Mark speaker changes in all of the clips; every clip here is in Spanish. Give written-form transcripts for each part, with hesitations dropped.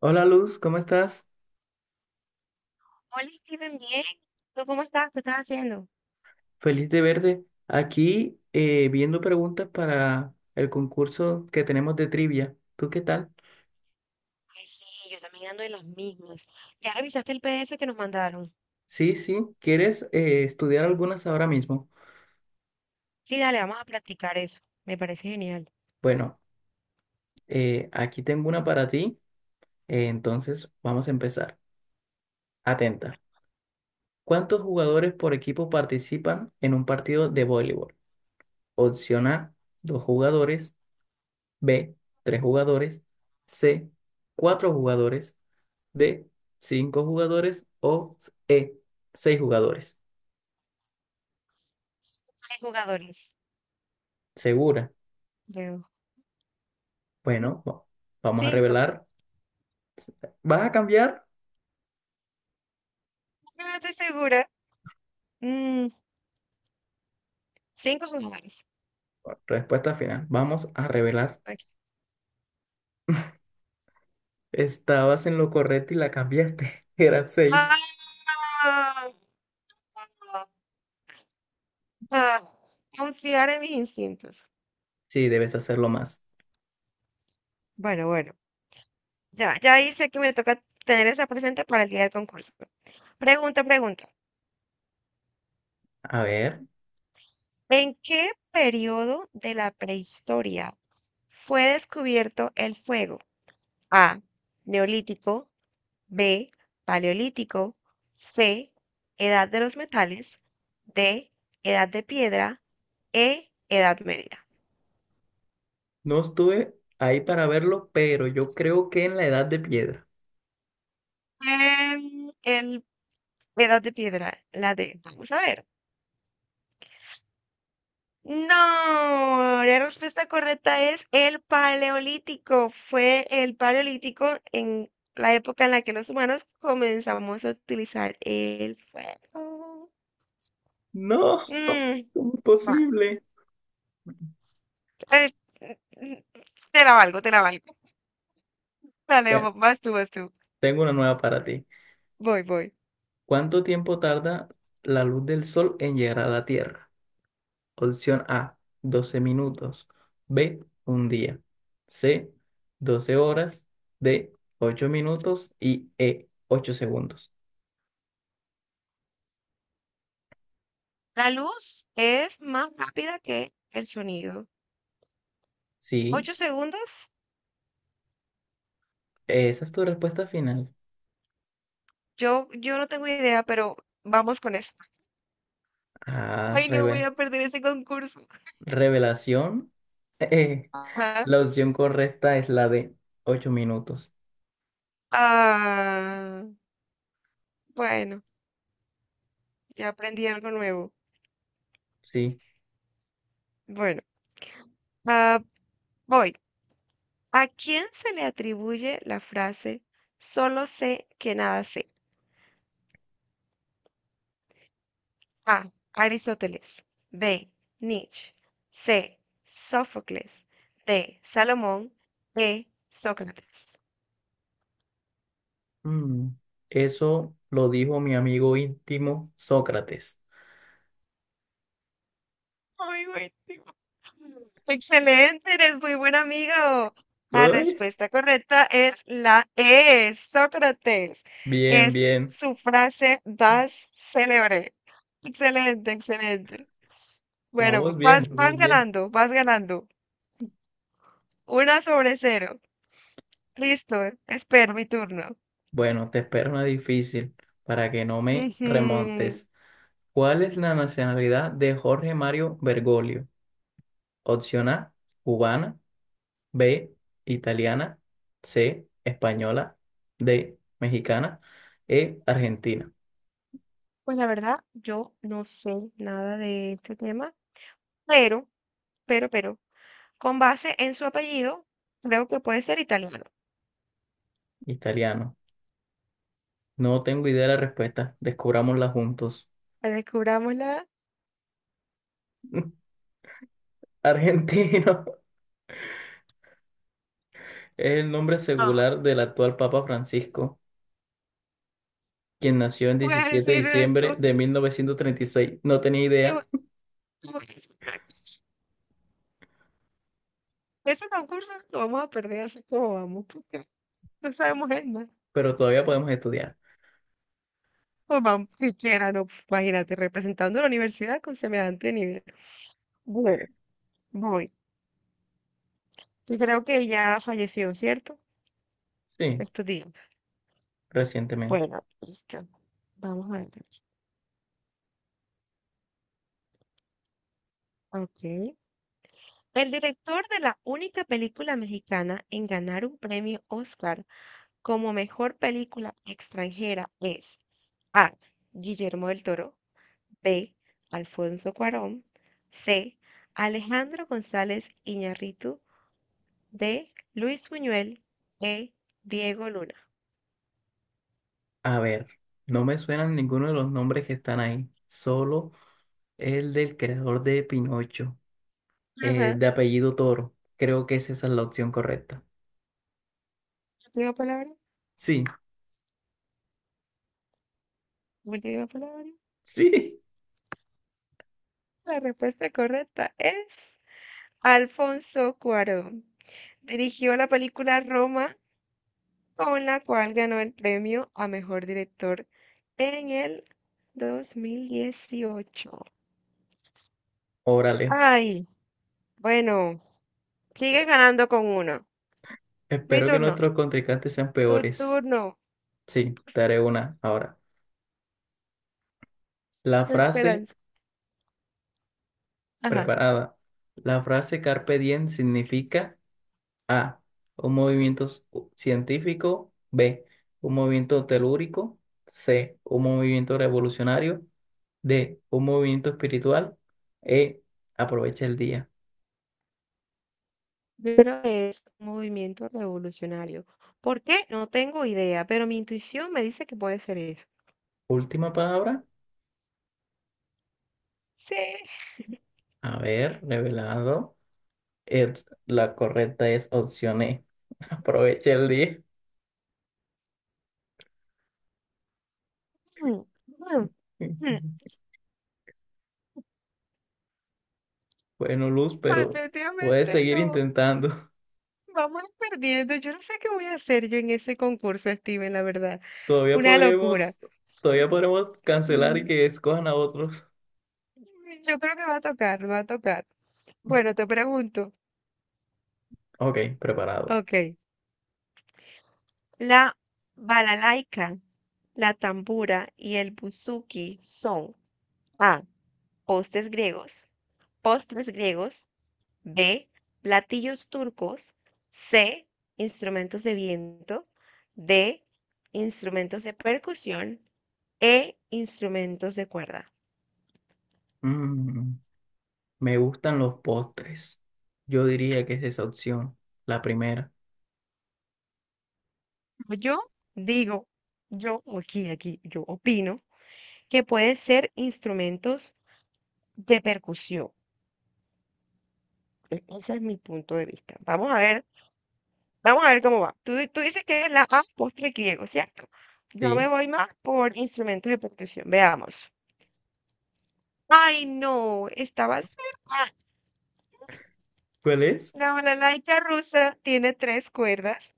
Speaker 1: Hola Luz, ¿cómo estás?
Speaker 2: Hola, Steven, bien. ¿Tú cómo estás? ¿Qué estás haciendo?
Speaker 1: Feliz de verte. Aquí viendo preguntas para el concurso que tenemos de trivia. ¿Tú qué tal?
Speaker 2: Ay, sí, yo también ando de las mismas. ¿Ya revisaste el PDF que nos mandaron?
Speaker 1: Sí, sí. ¿Quieres estudiar algunas ahora mismo?
Speaker 2: Sí, dale, vamos a practicar eso. Me parece genial.
Speaker 1: Bueno, aquí tengo una para ti. Entonces vamos a empezar. Atenta. ¿Cuántos jugadores por equipo participan en un partido de voleibol? Opción A, dos jugadores. B, tres jugadores. C, cuatro jugadores. De cinco jugadores, o E, seis jugadores.
Speaker 2: Hay jugadores,
Speaker 1: ¿Segura?
Speaker 2: creo.
Speaker 1: Bueno, vamos a
Speaker 2: Cinco.
Speaker 1: revelar. ¿Vas a cambiar?
Speaker 2: No estoy segura. Mm, cinco jugadores.
Speaker 1: Respuesta final. Vamos a revelar.
Speaker 2: Ok.
Speaker 1: Estabas en lo correcto y la cambiaste. Eran seis.
Speaker 2: Ah, ah, confiar en mis instintos.
Speaker 1: Sí, debes hacerlo más.
Speaker 2: Bueno, bueno. Ya hice que me toca tener esa presente para el día del concurso. Pregunta.
Speaker 1: A ver,
Speaker 2: ¿En qué periodo de la prehistoria fue descubierto el fuego? A. Neolítico. B. Paleolítico. C. Edad de los metales. D. Edad de piedra. E. Edad media.
Speaker 1: no estuve ahí para verlo, pero yo creo que en la edad de piedra.
Speaker 2: Em, el Edad de piedra, la D. Vamos a ver. No, la respuesta correcta es el paleolítico. Fue el paleolítico en la época en la que los humanos comenzamos a utilizar el fuego.
Speaker 1: No,
Speaker 2: Mm,
Speaker 1: ¿cómo es
Speaker 2: vale.
Speaker 1: posible?
Speaker 2: Eh, mm, mm, te la valgo. Dale,
Speaker 1: Bueno,
Speaker 2: vas tú.
Speaker 1: tengo una nueva para ti.
Speaker 2: Voy.
Speaker 1: ¿Cuánto tiempo tarda la luz del sol en llegar a la Tierra? Opción A, 12 minutos. B, un día. C, 12 horas. D, 8 minutos. Y E, 8 segundos.
Speaker 2: La luz es más rápida que el sonido.
Speaker 1: Sí,
Speaker 2: ¿Ocho segundos?
Speaker 1: esa es tu respuesta final.
Speaker 2: Yo no tengo idea, pero vamos con eso.
Speaker 1: Ah,
Speaker 2: Ay, no voy a perder ese concurso.
Speaker 1: revelación. Eh, la opción correcta es la de 8 minutos.
Speaker 2: Ah, bueno, ya aprendí algo nuevo.
Speaker 1: Sí.
Speaker 2: Bueno, ah, voy. ¿A quién se le atribuye la frase solo sé que nada sé? A. Aristóteles. B. Nietzsche. C. Sófocles. D. Salomón. E. Sócrates.
Speaker 1: Mm, Eso lo dijo mi amigo íntimo Sócrates.
Speaker 2: Ay, buenísimo. Excelente, eres muy buen amigo. La
Speaker 1: Ay,
Speaker 2: respuesta correcta es la E, Sócrates.
Speaker 1: bien,
Speaker 2: Es
Speaker 1: bien.
Speaker 2: su frase más célebre. Excelente, excelente. Bueno,
Speaker 1: Vamos bien,
Speaker 2: vas
Speaker 1: vamos bien.
Speaker 2: ganando. Una sobre cero. Listo, espero mi turno.
Speaker 1: Bueno, te espero una difícil para que no me
Speaker 2: Ujú.
Speaker 1: remontes. ¿Cuál es la nacionalidad de Jorge Mario Bergoglio? Opción A, cubana. B, italiana. C, española. D, mexicana. E, argentina.
Speaker 2: Pues la verdad, yo no sé nada de este tema, pero, pero, con base en su apellido, creo que puede ser italiano.
Speaker 1: Italiano. No tengo idea de la respuesta, descubrámosla juntos.
Speaker 2: Descubrámosla.
Speaker 1: Argentino es el nombre
Speaker 2: No,
Speaker 1: secular del actual Papa Francisco, quien nació el
Speaker 2: voy a
Speaker 1: 17 de
Speaker 2: decirlo
Speaker 1: diciembre de
Speaker 2: entonces.
Speaker 1: 1936. No tenía
Speaker 2: tengo-
Speaker 1: idea.
Speaker 2: Tengo que sacar ese concurso. Lo vamos a perder así como vamos, porque no sabemos en nada.
Speaker 1: Pero todavía podemos estudiar.
Speaker 2: Pues vamos, siquiera, no, imagínate, representando a la universidad con semejante nivel. Bueno, voy. Yo creo que ya falleció, ¿cierto?
Speaker 1: Sí,
Speaker 2: Estos días.
Speaker 1: recientemente.
Speaker 2: Bueno, listo. Vamos a ver. Ok. El director de la única película mexicana en ganar un premio Oscar como mejor película extranjera es A. Guillermo del Toro, B. Alfonso Cuarón, C. Alejandro González Iñárritu, D. Luis Buñuel, E. Diego Luna.
Speaker 1: A ver, no me suenan ninguno de los nombres que están ahí, solo el del creador de Pinocho,
Speaker 2: Ajá,
Speaker 1: de apellido Toro. Creo que esa es la opción correcta.
Speaker 2: última palabra,
Speaker 1: Sí,
Speaker 2: última palabra.
Speaker 1: sí.
Speaker 2: La respuesta correcta es Alfonso Cuarón. Dirigió la película Roma con la cual ganó el premio a mejor director en el 2018.
Speaker 1: Órale,
Speaker 2: Ay, bueno, sigue ganando con uno. Mi
Speaker 1: espero que
Speaker 2: turno,
Speaker 1: nuestros contrincantes sean
Speaker 2: tu
Speaker 1: peores.
Speaker 2: turno,
Speaker 1: Sí, te haré una ahora. La frase
Speaker 2: esperanza. Ajá.
Speaker 1: preparada. La frase carpe diem significa: A, un movimiento científico. B, un movimiento telúrico. C, un movimiento revolucionario. D, un movimiento espiritual. E, aprovecha el día.
Speaker 2: Yo creo que es un movimiento revolucionario. ¿Por qué? No tengo idea, pero mi intuición me dice que puede ser eso.
Speaker 1: Última palabra.
Speaker 2: Sí.
Speaker 1: A ver, revelado. La correcta es opción E. Aprovecha el día.
Speaker 2: Mm, mm, mm.
Speaker 1: Bueno, Luz, pero puedes
Speaker 2: Definitivamente
Speaker 1: seguir
Speaker 2: no.
Speaker 1: intentando.
Speaker 2: Vamos perdiendo. Yo no sé qué voy a hacer yo en ese concurso, Steven, la verdad.
Speaker 1: Todavía
Speaker 2: Una locura.
Speaker 1: podremos, todavía podremos cancelar y
Speaker 2: Mm,
Speaker 1: que escojan a otros.
Speaker 2: yo creo que va a tocar. Bueno, te pregunto.
Speaker 1: Ok, preparado.
Speaker 2: Ok. La balalaika, la tambura y el buzuki son A, postes griegos, postres griegos, B, platillos turcos, C, instrumentos de viento, D, instrumentos de percusión, E, instrumentos de cuerda.
Speaker 1: Mm. Me gustan los postres. Yo diría que es esa opción, la primera.
Speaker 2: Yo digo, yo yo opino que puede ser instrumentos de percusión. Ese es mi punto de vista. Vamos a ver cómo va. Tú, tú dices que es la A, postre griego, ¿cierto? Yo me
Speaker 1: Sí.
Speaker 2: voy más por instrumentos de percusión. Veamos. Ay, no, estaba cerca.
Speaker 1: ¿Cuál es?
Speaker 2: La balalaika rusa tiene 3 cuerdas,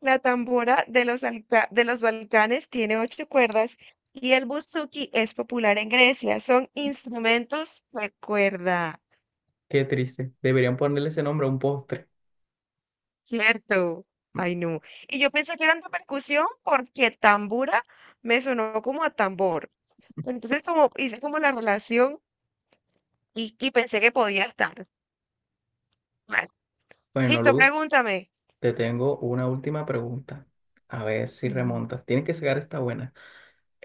Speaker 2: la tambora de los, de los Balcanes tiene 8 cuerdas y el buzuki es popular en Grecia. Son instrumentos de cuerda,
Speaker 1: Qué triste. Deberían ponerle ese nombre a un postre.
Speaker 2: ¿cierto? Ay, no. Y yo pensé que eran de percusión porque tambura me sonó como a tambor. Entonces, como hice como la relación y pensé que podía estar. Vale.
Speaker 1: Bueno,
Speaker 2: Listo,
Speaker 1: Luz,
Speaker 2: pregúntame.
Speaker 1: te tengo una última pregunta. A ver si
Speaker 2: Ujú,
Speaker 1: remontas. Tienes que sacar esta buena.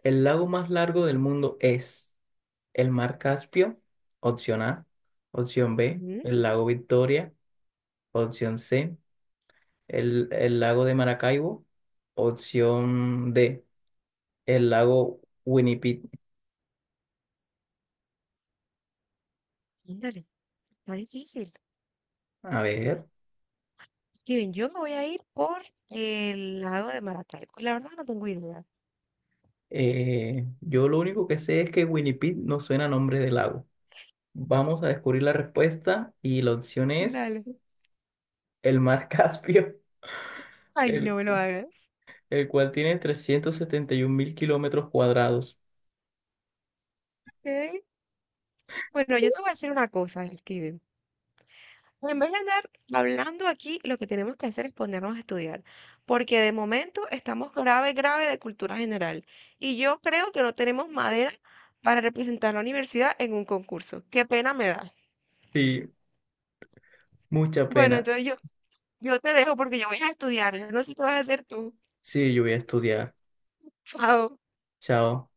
Speaker 1: ¿El lago más largo del mundo es el mar Caspio? Opción A. Opción B,
Speaker 2: ujú.
Speaker 1: el lago Victoria. Opción C, el lago de Maracaibo. Opción D, el lago Winnipeg.
Speaker 2: Ándale, está difícil.
Speaker 1: A ver.
Speaker 2: Kevin, yo me voy a ir por el lago de Maracaibo. La verdad no tengo idea.
Speaker 1: Yo lo único que sé es que Winnipeg no suena a nombre de lago. Vamos a descubrir la respuesta, y la opción es
Speaker 2: Dale.
Speaker 1: el mar Caspio,
Speaker 2: Ay, no
Speaker 1: el,
Speaker 2: me lo hagas.
Speaker 1: el cual tiene 371 mil kilómetros cuadrados.
Speaker 2: Ok. Bueno, yo te voy a decir una cosa, Steven. En vez de andar hablando aquí, lo que tenemos que hacer es ponernos a estudiar, porque de momento estamos grave, grave de cultura general. Y yo creo que no tenemos madera para representar la universidad en un concurso. Qué pena me da.
Speaker 1: Sí, mucha
Speaker 2: Bueno,
Speaker 1: pena.
Speaker 2: yo te dejo porque yo voy a estudiar. Yo no sé qué vas a hacer tú.
Speaker 1: Sí, yo voy a estudiar.
Speaker 2: Chao.
Speaker 1: Chao.